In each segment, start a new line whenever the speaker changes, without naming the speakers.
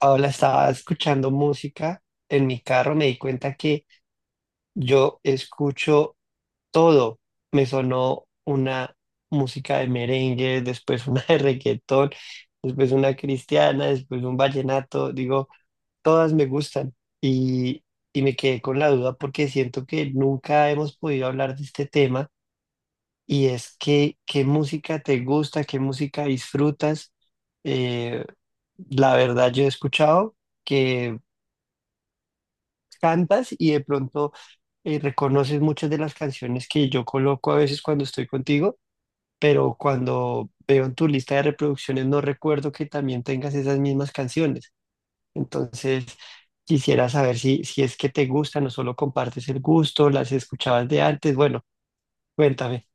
Ahora estaba escuchando música en mi carro, me di cuenta que yo escucho todo. Me sonó una música de merengue, después una de reggaetón, después una cristiana, después un vallenato. Digo, todas me gustan. Y, y me quedé con la duda porque siento que nunca hemos podido hablar de este tema. Y es que, ¿qué música te gusta? ¿Qué música disfrutas? Eh, la verdad, yo he escuchado que cantas y de pronto reconoces muchas de las canciones que yo coloco a veces cuando estoy contigo, pero cuando veo en tu lista de reproducciones no recuerdo que también tengas esas mismas canciones. Entonces, quisiera saber si es que te gusta, no solo compartes el gusto, las escuchabas de antes. Bueno, cuéntame.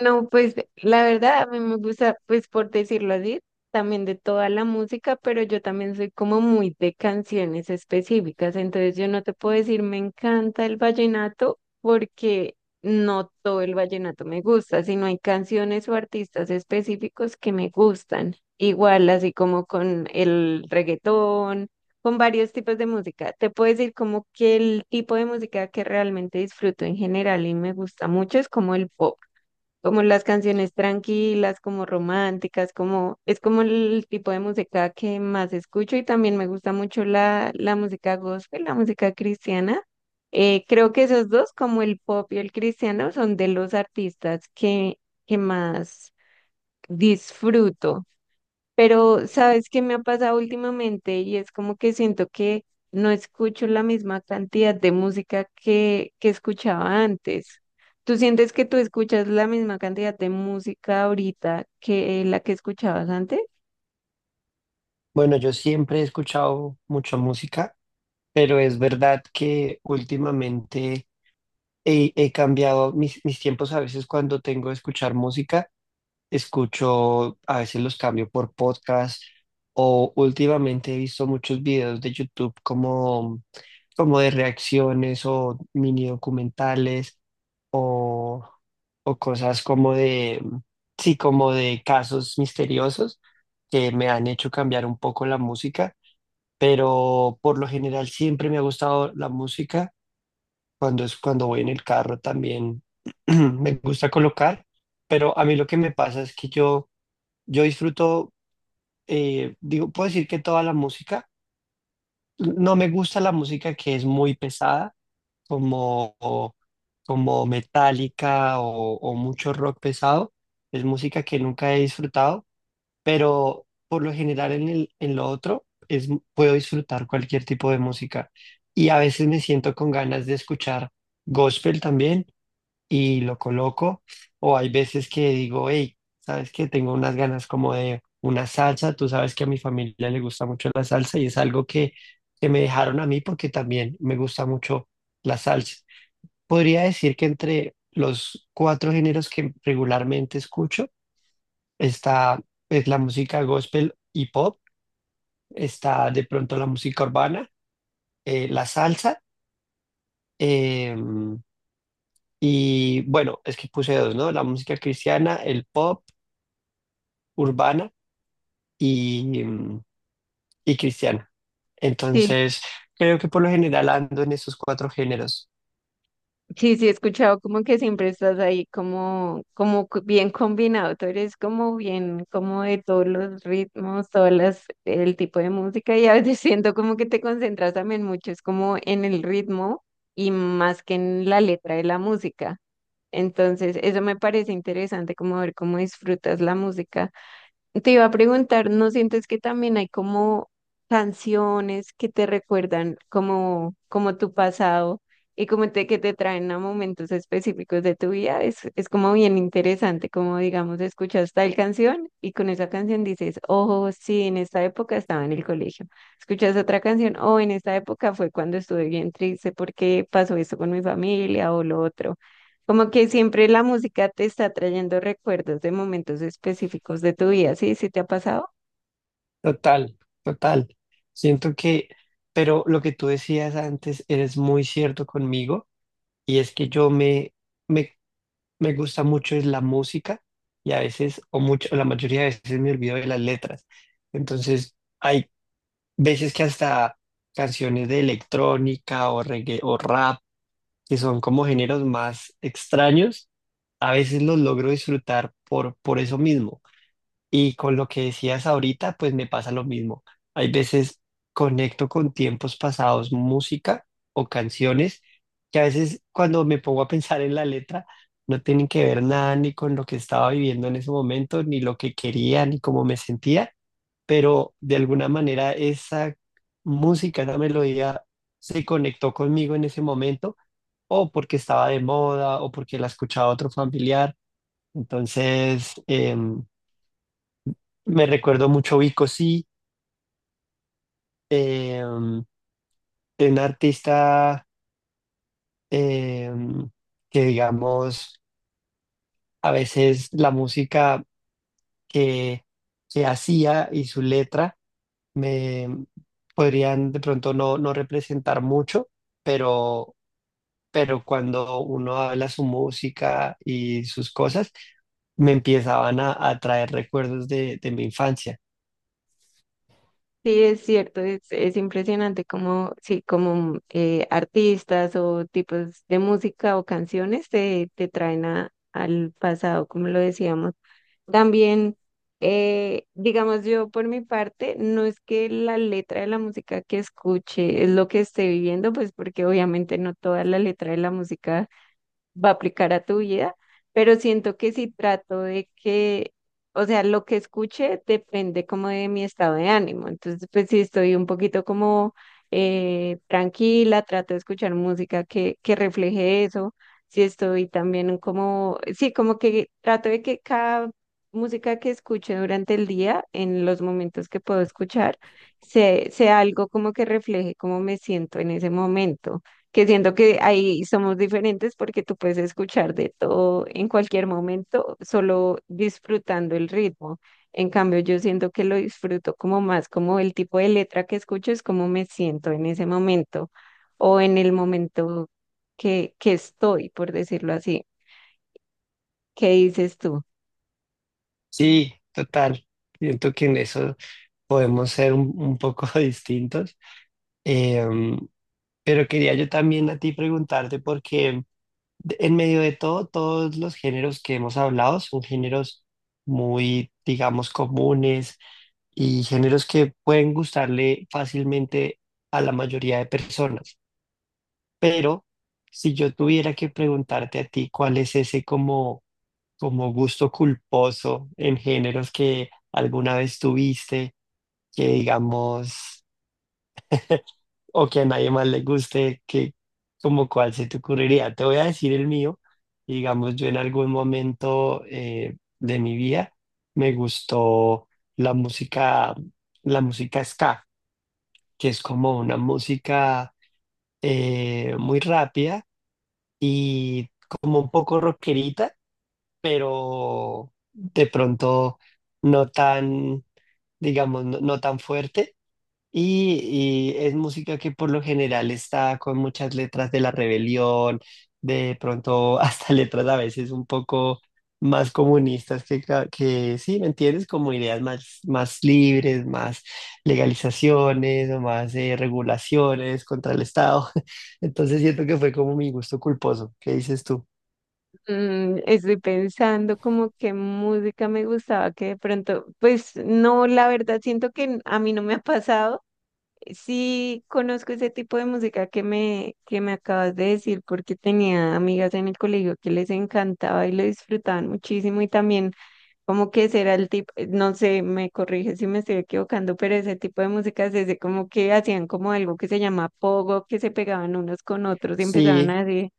No, pues la verdad, a mí me gusta, pues por decirlo así, también de toda la música, pero yo también soy como muy de canciones específicas. Entonces yo no te puedo decir me encanta el vallenato porque no todo el vallenato me gusta, sino hay canciones o artistas específicos que me gustan, igual así como con el reggaetón, con varios tipos de música. Te puedo decir como que el tipo de música que realmente disfruto en general y me gusta mucho es como el pop, como las canciones tranquilas, como románticas, como es como el tipo de música que más escucho. Y también me gusta mucho la música gospel, la música cristiana. Creo que esos dos, como el pop y el cristiano, son de los artistas que más disfruto. Pero, ¿sabes qué me ha pasado últimamente? Y es como que siento que no escucho la misma cantidad de música que escuchaba antes. ¿Tú sientes que tú escuchas la misma cantidad de música ahorita que la que escuchabas antes?
Bueno, yo siempre he escuchado mucha música, pero es verdad que últimamente he cambiado mis tiempos a veces cuando tengo que escuchar música. Escucho, a veces los cambio por podcast o últimamente he visto muchos videos de YouTube como, como de reacciones o mini documentales o, o cosas como de, sí, como de casos misteriosos que me han hecho cambiar un poco la música, pero por lo general siempre me ha gustado la música cuando es cuando voy en el carro también me gusta colocar, pero a mí lo que me pasa es que yo disfruto, digo, puedo decir que toda la música, no me gusta la música que es muy pesada, como, como Metallica o mucho rock pesado, es música que nunca he disfrutado, pero por lo general en el, en lo otro es, puedo disfrutar cualquier tipo de música y a veces me siento con ganas de escuchar gospel también y lo coloco. O hay veces que digo, hey, ¿sabes qué? Tengo unas ganas como de una salsa. Tú sabes que a mi familia le gusta mucho la salsa y es algo que me dejaron a mí porque también me gusta mucho la salsa. Podría decir que entre los cuatro géneros que regularmente escucho está pues, la música gospel y pop, está de pronto la música urbana, la salsa. em, y bueno, es que puse dos, ¿no? La música cristiana, el pop urbana y, y cristiana. Entonces, creo que por lo general ando en esos cuatro géneros.
Sí, sí, he escuchado como que siempre estás ahí como, bien combinado. Tú eres como bien, como de todos los ritmos, todas las, el tipo de música, y a veces siento como que te concentras también mucho, es como en el ritmo y más que en la letra de la música. Entonces, eso me parece interesante, como ver cómo disfrutas la música. Te iba a preguntar, ¿no sientes que también hay como canciones que te recuerdan como, como tu pasado y como que te traen a momentos específicos de tu vida? Es como bien interesante, como digamos, escuchas tal canción y con esa canción dices, oh, sí, en esta época estaba en el colegio. Escuchas otra canción, oh, en esta época fue cuando estuve bien triste porque pasó esto con mi familia o lo otro. Como que siempre la música te está trayendo recuerdos de momentos específicos de tu vida, ¿sí? ¿Sí te ha pasado?
Total, total. Siento que, pero lo que tú decías antes, eres muy cierto conmigo, y es que me, me gusta mucho es la música, y a veces, o mucho, o la mayoría de veces me olvido de las letras. Entonces, hay veces que hasta canciones de electrónica o reggae o rap que son como géneros más extraños, a veces los logro disfrutar por eso mismo. Y con lo que decías ahorita, pues me pasa lo mismo. Hay veces conecto con tiempos pasados, música o canciones que a veces cuando me pongo a pensar en la letra, no tienen que ver nada ni con lo que estaba viviendo en ese momento, ni lo que quería, ni cómo me sentía pero de alguna manera esa música, esa melodía se conectó conmigo en ese momento, o porque estaba de moda, o porque la escuchaba otro familiar. Entonces, me recuerdo mucho Vico Sí, em, de un artista em, que digamos, a veces la música que, que hacía y su letra me podrían de pronto no representar mucho, pero, pero cuando uno habla su música y sus cosas, me empezaban a traer recuerdos de mi infancia.
Sí, es cierto, es impresionante como, sí, como artistas o tipos de música o canciones te traen al pasado, como lo decíamos. También, digamos yo por mi parte, no es que la letra de la música que escuche es lo que esté viviendo, pues porque obviamente no toda la letra de la música va a aplicar a tu vida, pero siento que si trato de que, o sea, lo que escuche depende como de mi estado de ánimo. Entonces, pues si estoy un poquito como tranquila, trato de escuchar música que refleje eso. Si estoy también como, sí, como que trato de que cada música que escuche durante el día, en los momentos que puedo escuchar, sea algo como que refleje cómo me siento en ese momento, que siento que ahí somos diferentes porque tú puedes escuchar de todo en cualquier momento, solo disfrutando el ritmo. En cambio, yo siento que lo disfruto como más, como el tipo de letra que escucho es como me siento en ese momento o en el momento que estoy, por decirlo así. ¿Qué dices tú?
Sí, total. Siento que en eso podemos ser un poco distintos. Em, pero quería yo también a ti preguntarte porque En medio de todo, todos los géneros que hemos hablado son géneros muy, digamos, comunes y géneros que pueden gustarle fácilmente a la mayoría de personas. Pero si yo tuviera que preguntarte a ti cuál es ese como, como gusto culposo en géneros que alguna vez tuviste, que digamos... o que a nadie más le guste, que como cuál se te ocurriría. Te voy a decir el mío. Digamos, yo en algún momento de mi vida me gustó la música, la música ska, que es como una música muy rápida y como un poco rockerita, pero de pronto no tan, digamos, no tan fuerte y es música que por lo general está con muchas letras de la rebelión, de pronto hasta letras a veces un poco más comunistas que, que sí, ¿me entiendes? Como ideas más, más libres, más legalizaciones o más regulaciones contra el Estado. Entonces siento que fue como mi gusto culposo. ¿Qué dices tú?
Estoy pensando como qué música me gustaba, que de pronto, pues no, la verdad siento que a mí no me ha pasado. Sí, conozco ese tipo de música que me acabas de decir porque tenía amigas en el colegio que les encantaba y lo disfrutaban muchísimo. Y también como que ese era el tipo, no sé, me corrige si me estoy equivocando, pero ese tipo de música es ese, como que hacían como algo que se llama pogo, que se pegaban unos con otros y empezaban
Sí.
así.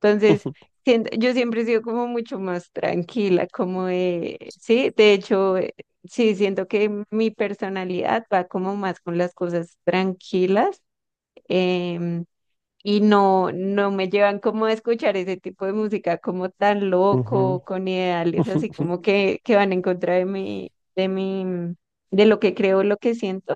Entonces, yo siempre he sido como mucho más tranquila, como de, sí, de hecho, sí, siento que mi personalidad va como más con las cosas tranquilas. em, y no, no me llevan como a escuchar ese tipo de música como tan
Ujú.
loco, con ideales así como que van en contra de mi, de lo que creo, lo que siento.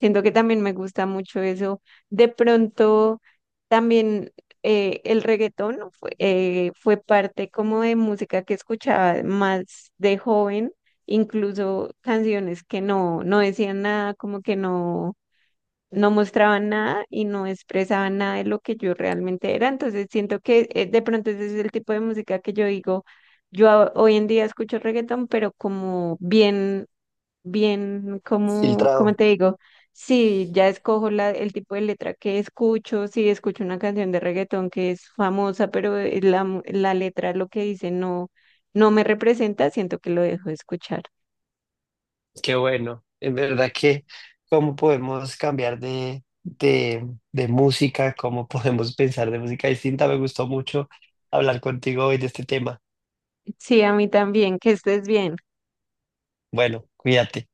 Siento que también me gusta mucho eso. De pronto, también el reggaetón fue parte como de música que escuchaba más de joven, incluso canciones que no, no decían nada, como que no mostraban nada y no expresaban nada de lo que yo realmente era. Entonces siento que de pronto ese es el tipo de música que yo digo, yo hoy en día escucho reggaetón, pero como bien, bien, como, ¿cómo
Filtrado.
te digo? Sí, ya escojo el tipo de letra que escucho. Si escucho una canción de reggaetón que es famosa, pero la letra lo que dice no, no me representa, siento que lo dejo de escuchar.
Qué bueno, en verdad que cómo podemos cambiar de música, cómo podemos pensar de música distinta. Me gustó mucho hablar contigo hoy de este tema.
Sí, a mí también, que estés bien.
Bueno, cuídate.